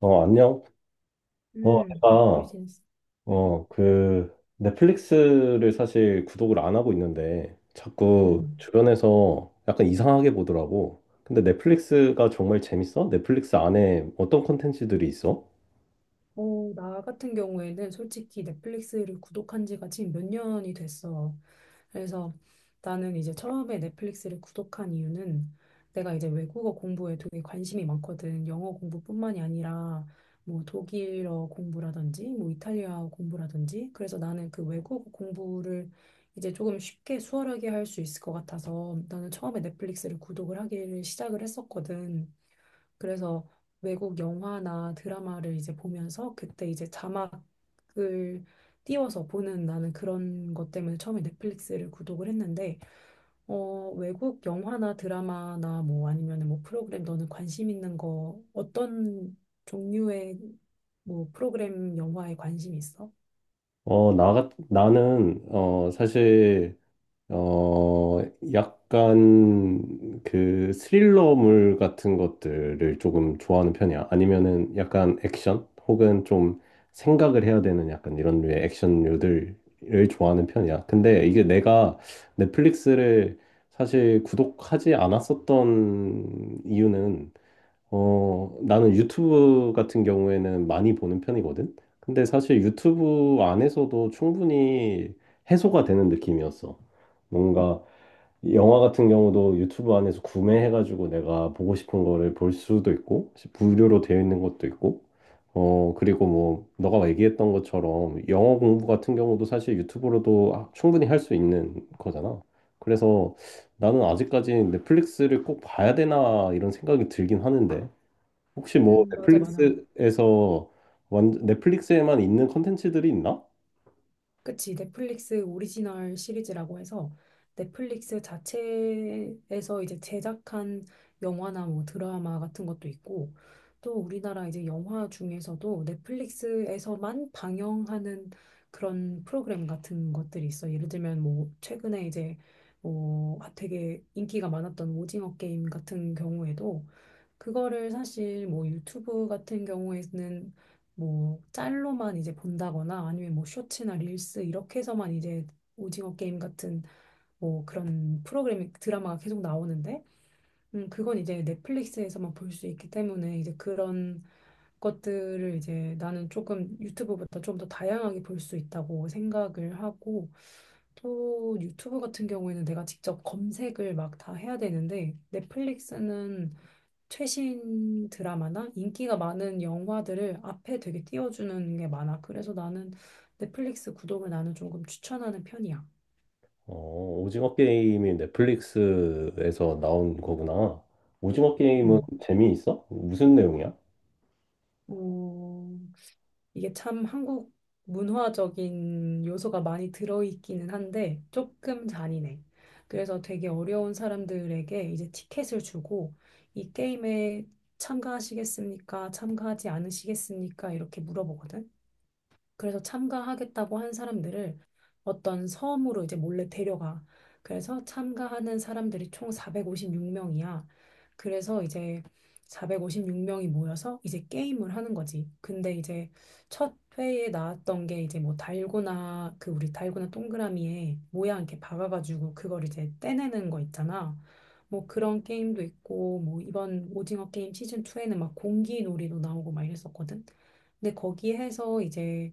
안녕. 어, 음, 잘 내가, 지냈어. 음. 넷플릭스를 사실 구독을 안 하고 있는데, 자꾸 음. 주변에서 약간 이상하게 보더라고. 근데 넷플릭스가 정말 재밌어? 넷플릭스 안에 어떤 콘텐츠들이 있어? 나 같은 경우에는 솔직히 넷플릭스를 구독한 지가 지금 몇 년이 됐어. 그래서 나는 이제 처음에 넷플릭스를 구독한 이유는 내가 이제 외국어 공부에 되게 관심이 많거든. 영어 공부뿐만이 아니라 뭐 독일어 공부라든지 뭐 이탈리아어 공부라든지. 그래서 나는 그 외국어 공부를 이제 조금 쉽게 수월하게 할 수 있을 것 같아서 나는 처음에 넷플릭스를 구독을 하기를 시작을 했었거든. 그래서 외국 영화나 드라마를 이제 보면서 그때 이제 자막을 띄워서 보는 나는 그런 것 때문에 처음에 넷플릭스를 구독을 했는데, 외국 영화나 드라마나 뭐 아니면 뭐 프로그램, 너는 관심 있는 거 어떤 종류의 뭐 프로그램 영화에 관심 있어? 나는, 사실 어, 약간 그 스릴러물 같은 것들을 조금 좋아하는 편이야. 아니면은 약간 액션 혹은 좀 생각을 해야 되는 약간 이런 류의 액션류들을 좋아하는 편이야. 근데 이게 내가 넷플릭스를 사실 구독하지 않았었던 이유는 나는 유튜브 같은 경우에는 많이 보는 편이거든. 근데 사실 유튜브 안에서도 충분히 해소가 되는 느낌이었어. 뭔가 영화 같은 경우도 유튜브 안에서 구매해가지고 내가 보고 싶은 거를 볼 수도 있고, 무료로 되어 있는 것도 있고, 그리고 뭐, 너가 얘기했던 것처럼 영어 공부 같은 경우도 사실 유튜브로도 충분히 할 수 있는 거잖아. 그래서 나는 아직까지 넷플릭스를 꼭 봐야 되나 이런 생각이 들긴 하는데, 혹시 뭐 맞아, 맞아. 넷플릭스에서 완 넷플릭스에만 있는 컨텐츠들이 있나? 그치, 넷플릭스 오리지널 시리즈라고 해서 넷플릭스 자체에서 이제 제작한 영화나 뭐 드라마 같은 것도 있고, 또 우리나라 이제 영화 중에서도 넷플릭스에서만 방영하는 그런 프로그램 같은 것들이 있어. 예를 들면 뭐 최근에 이제 뭐 되게 인기가 많았던 오징어 게임 같은 경우에도 그거를 사실 뭐 유튜브 같은 경우에는 뭐 짤로만 이제 본다거나 아니면 뭐 쇼츠나 릴스 이렇게 해서만 이제 오징어 게임 같은 뭐 그런 프로그램 드라마가 계속 나오는데, 그건 이제 넷플릭스에서만 볼 수 있기 때문에 이제 그런 것들을 이제 나는 조금 유튜브보다 좀 더 다양하게 볼 수 있다고 생각을 하고, 또 유튜브 같은 경우에는 내가 직접 검색을 막 다 해야 되는데 넷플릭스는 최신 드라마나 인기가 많은 영화들을 앞에 되게 띄워주는 게 많아. 그래서 나는 넷플릭스 구독을 나는 조금 추천하는 편이야. 어, 오징어 게임이 넷플릭스에서 나온 거구나. 오징어 게임은 음. 재미있어? 무슨 내용이야? 어, 이게 참 한국 문화적인 요소가 많이 들어있기는 한데 조금 잔인해. 그래서 되게 어려운 사람들에게 이제 티켓을 주고 이 게임에 참가하시겠습니까? 참가하지 않으시겠습니까? 이렇게 물어보거든. 그래서 참가하겠다고 한 사람들을 어떤 섬으로 이제 몰래 데려가. 그래서 참가하는 사람들이 총 456명이야. 그래서 이제 456명이 모여서 이제 게임을 하는 거지. 근데 이제 첫 회에 나왔던 게 이제 뭐 달고나, 그 우리 달고나 동그라미에 모양 이렇게 박아가지고 그걸 이제 떼내는 거 있잖아. 뭐 그런 게임도 있고, 뭐 이번 오징어 게임 시즌 2에는 막 공기놀이도 나오고 막 이랬었거든. 근데 거기에서 이제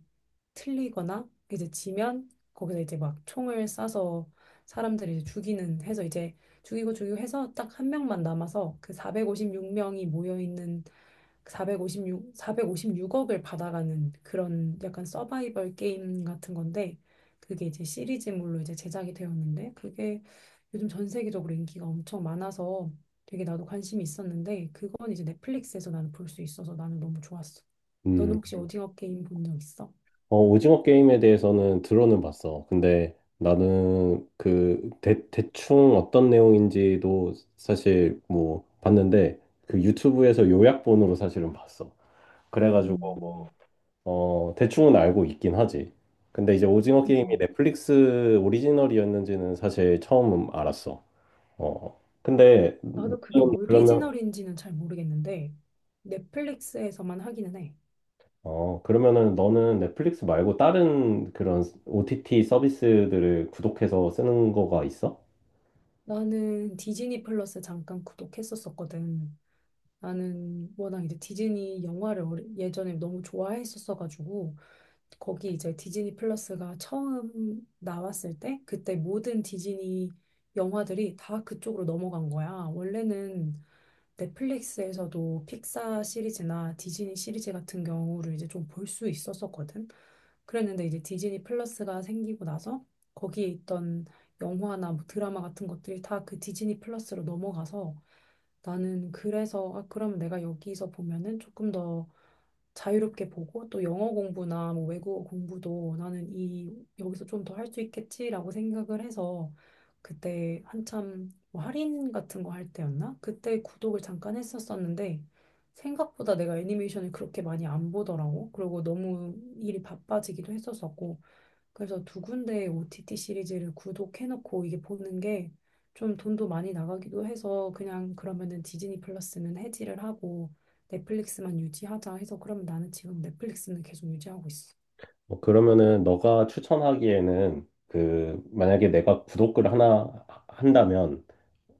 틀리거나 이제 지면 거기서 이제 막 총을 쏴서 사람들을 이제 죽이는 해서 이제 죽이고 죽이고 해서 딱 한 명만 남아서 그 456명이 모여 있는 456오십육억을 받아가는 그런 약간 서바이벌 게임 같은 건데, 그게 이제 시리즈물로 이제 제작이 되었는데 그게 요즘 전 세계적으로 인기가 엄청 많아서 되게 나도 관심이 있었는데 그건 이제 넷플릭스에서 나는 볼 수 있어서 나는 너무 좋았어. 너는 음, 혹시 오징어 게임 본 적 있어? 오징어 게임에 대해서는 들어는 봤어. 근데 나는 그 대충 어떤 내용인지도 사실 뭐 봤는데 그 유튜브에서 요약본으로 사실은 봤어. 그래가지고 음, 대충은 알고 있긴 하지. 근데 이제 오징어 게임이 음, 넷플릭스 오리지널이었는지는 사실 처음 알았어. 어. 근데 나도 그게 너는 그러면 오리지널인지는 잘 모르겠는데 넷플릭스에서만 하기는 해. 어, 그러면은 너는 넷플릭스 말고 다른 그런 OTT 서비스들을 구독해서 쓰는 거가 있어? 나는 디즈니 플러스 잠깐 구독했었었거든. 나는 워낙 이제 디즈니 영화를 예전에 너무 좋아했었어가지고 거기 이제 디즈니 플러스가 처음 나왔을 때 그때 모든 디즈니 영화들이 다 그쪽으로 넘어간 거야. 원래는 넷플릭스에서도 픽사 시리즈나 디즈니 시리즈 같은 경우를 이제 좀 볼 수 있었었거든. 그랬는데 이제 디즈니 플러스가 생기고 나서 거기에 있던 영화나 뭐 드라마 같은 것들이 다 그 디즈니 플러스로 넘어가서 나는 그래서 아, 그럼 내가 여기서 보면은 조금 더 자유롭게 보고 또 영어 공부나 뭐 외국어 공부도 나는 이 여기서 좀 더 할 수 있겠지라고 생각을 해서 그때 한참 뭐 할인 같은 거 할 때였나? 그때 구독을 잠깐 했었었는데 생각보다 내가 애니메이션을 그렇게 많이 안 보더라고. 그리고 너무 일이 바빠지기도 했었었고 그래서 2군데의 OTT 시리즈를 구독해놓고 이게 보는 게 좀 돈도 많이 나가기도 해서 그냥 그러면은 디즈니 플러스는 해지를 하고 넷플릭스만 유지하자 해서 그러면 나는 지금 넷플릭스는 계속 유지하고 있어. 뭐 그러면은 너가 추천하기에는 그 만약에 내가 구독을 하나 한다면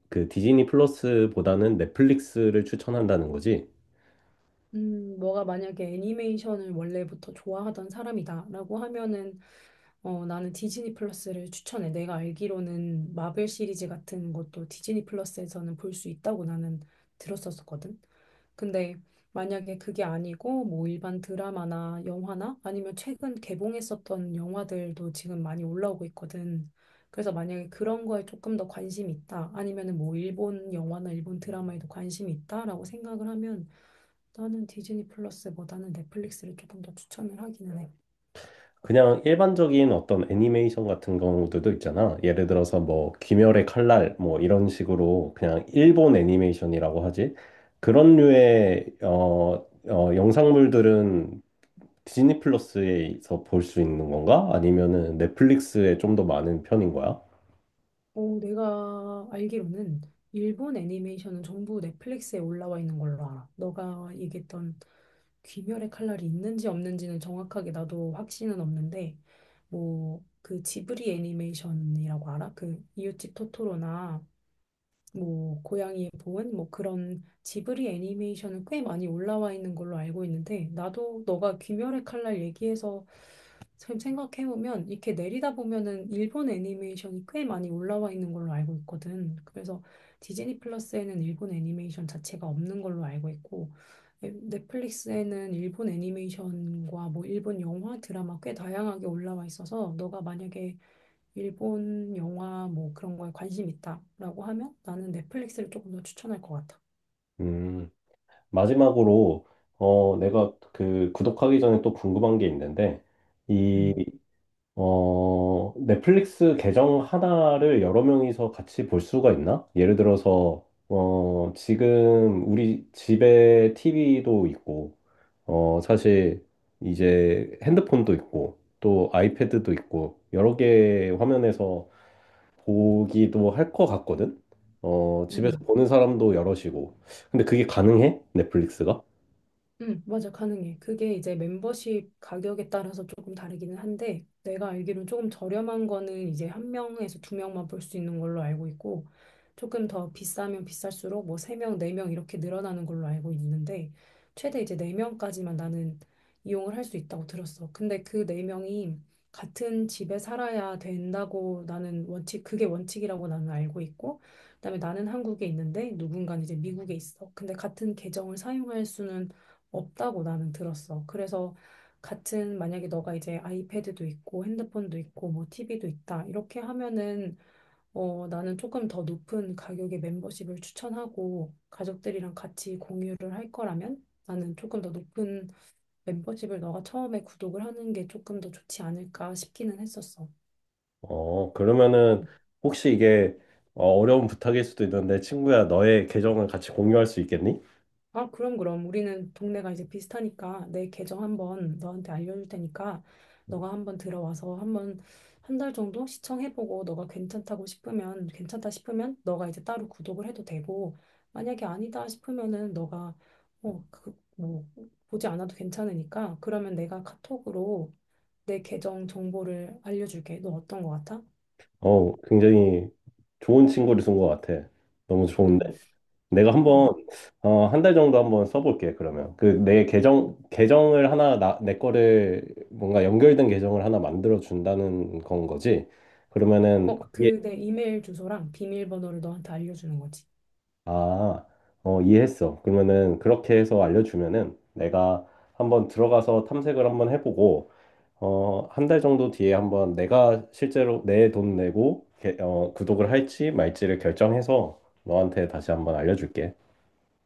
그 디즈니 플러스보다는 넷플릭스를 추천한다는 거지. 너가 만약에 애니메이션을 원래부터 좋아하던 사람이다라고 하면은 나는 디즈니 플러스를 추천해. 내가 알기로는 마블 시리즈 같은 것도 디즈니 플러스에서는 볼 수 있다고 나는 들었었거든. 근데 만약에 그게 아니고 뭐 일반 드라마나 영화나 아니면 최근 개봉했었던 영화들도 지금 많이 올라오고 있거든. 그래서 만약에 그런 거에 조금 더 관심이 있다. 아니면은 뭐 일본 영화나 일본 드라마에도 관심이 있다라고 생각을 하면 나는 디즈니 플러스보다는 넷플릭스를 조금 더 추천을 하기는 해. 그냥 일반적인 어떤 애니메이션 같은 경우들도 있잖아. 예를 들어서 뭐 귀멸의 칼날 뭐 이런 식으로 그냥 일본 애니메이션이라고 하지. 그런 류의 영상물들은 디즈니 플러스에서 볼 수 있는 건가? 아니면은 넷플릭스에 좀 더 많은 편인 거야? 내가 알기로는 일본 애니메이션은 전부 넷플릭스에 올라와 있는 걸로 알아. 너가 얘기했던 귀멸의 칼날이 있는지 없는지는 정확하게 나도 확신은 없는데, 뭐, 그 지브리 애니메이션이라고 알아? 그 이웃집 토토로나 뭐 고양이의 보은 뭐 그런 지브리 애니메이션은 꽤 많이 올라와 있는 걸로 알고 있는데, 나도 너가 귀멸의 칼날 얘기해서 지금 생각해보면 이렇게 내리다 보면은 일본 애니메이션이 꽤 많이 올라와 있는 걸로 알고 있거든. 그래서 디즈니 플러스에는 일본 애니메이션 자체가 없는 걸로 알고 있고, 넷플릭스에는 일본 애니메이션과 뭐 일본 영화, 드라마 꽤 다양하게 올라와 있어서 너가 만약에 일본 영화 뭐 그런 거에 관심 있다라고 하면 나는 넷플릭스를 조금 더 추천할 것 같아. 음. 마지막으로 내가 그 구독하기 전에 또 궁금한 게 있는데 이 음. 어 넷플릭스 계정 하나를 여러 명이서 같이 볼 수가 있나? 예를 들어서 지금 우리 집에 TV도 있고 사실 이제 핸드폰도 있고 또 아이패드도 있고 여러 개 화면에서 보기도 할 것 같거든. 집에서 음. 보는 사람도 여럿이고 근데 그게 가능해? 넷플릭스가? 응, 맞아, 가능해. 그게 이제 멤버십 가격에 따라서 조금 다르기는 한데, 내가 알기로는 조금 저렴한 거는 이제 한 명에서 2명만 볼 수 있는 걸로 알고 있고, 조금 더 비싸면 비쌀수록 뭐 3명, 4명 이렇게 늘어나는 걸로 알고 있는데, 최대 이제 4명까지만 나는 이용을 할 수 있다고 들었어. 근데 그 4명이 같은 집에 살아야 된다고 나는 원칙, 그게 원칙이라고 나는 알고 있고, 그다음에 나는 한국에 있는데 누군가는 이제 미국에 있어. 근데 같은 계정을 사용할 수는 없다고 나는 들었어. 그래서 같은 만약에 너가 이제 아이패드도 있고 핸드폰도 있고 뭐 TV도 있다 이렇게 하면은 나는 조금 더 높은 가격의 멤버십을 추천하고 가족들이랑 같이 공유를 할 거라면 나는 조금 더 높은 멤버십을 너가 처음에 구독을 하는 게 조금 더 좋지 않을까 싶기는 했었어. 그러면은 혹시 이게 어려운 부탁일 수도 있는데 친구야 너의 계정을 같이 공유할 수 있겠니? 아, 그럼, 그럼. 우리는 동네가 이제 비슷하니까 내 계정 한번 너한테 알려줄 테니까 너가 한번 들어와서 한번 한 달 정도 시청해보고 너가 괜찮다고 싶으면, 괜찮다 싶으면 너가 이제 따로 구독을 해도 되고, 만약에 아니다 싶으면은 너가 그, 뭐, 보지 않아도 괜찮으니까 그러면 내가 카톡으로 내 계정 정보를 알려줄게. 너 어떤 거 같아? 굉장히 좋은 친구를 준 것 같아. 너무 음, 좋은데? 내가 음. 한번 한 달 정도 한번 써볼게 그러면. 그 내 계정을 하나 내 거를 뭔가 연결된 계정을 하나 만들어 준다는 건 거지. 그러면은 그 내 이메일 주소랑 비밀번호를 너한테 알려주는 거지. 아, 이해했어. 그러면은 그렇게 해서 알려주면은 내가 한번 들어가서 탐색을 한번 해보고, 한 달 정도 뒤에 한번 내가 실제로 내 돈 내고, 구독을 할지 말지를 결정해서 너한테 다시 한번 알려줄게.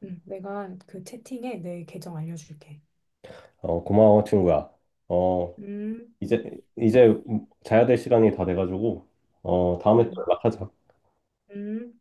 응, 내가 그 채팅에 내 계정 알려줄게. 고마워, 친구야. 어, 음, 이제, 이제 자야 될 시간이 다 돼가지고, 다음에 또 음, 연락하자. 음.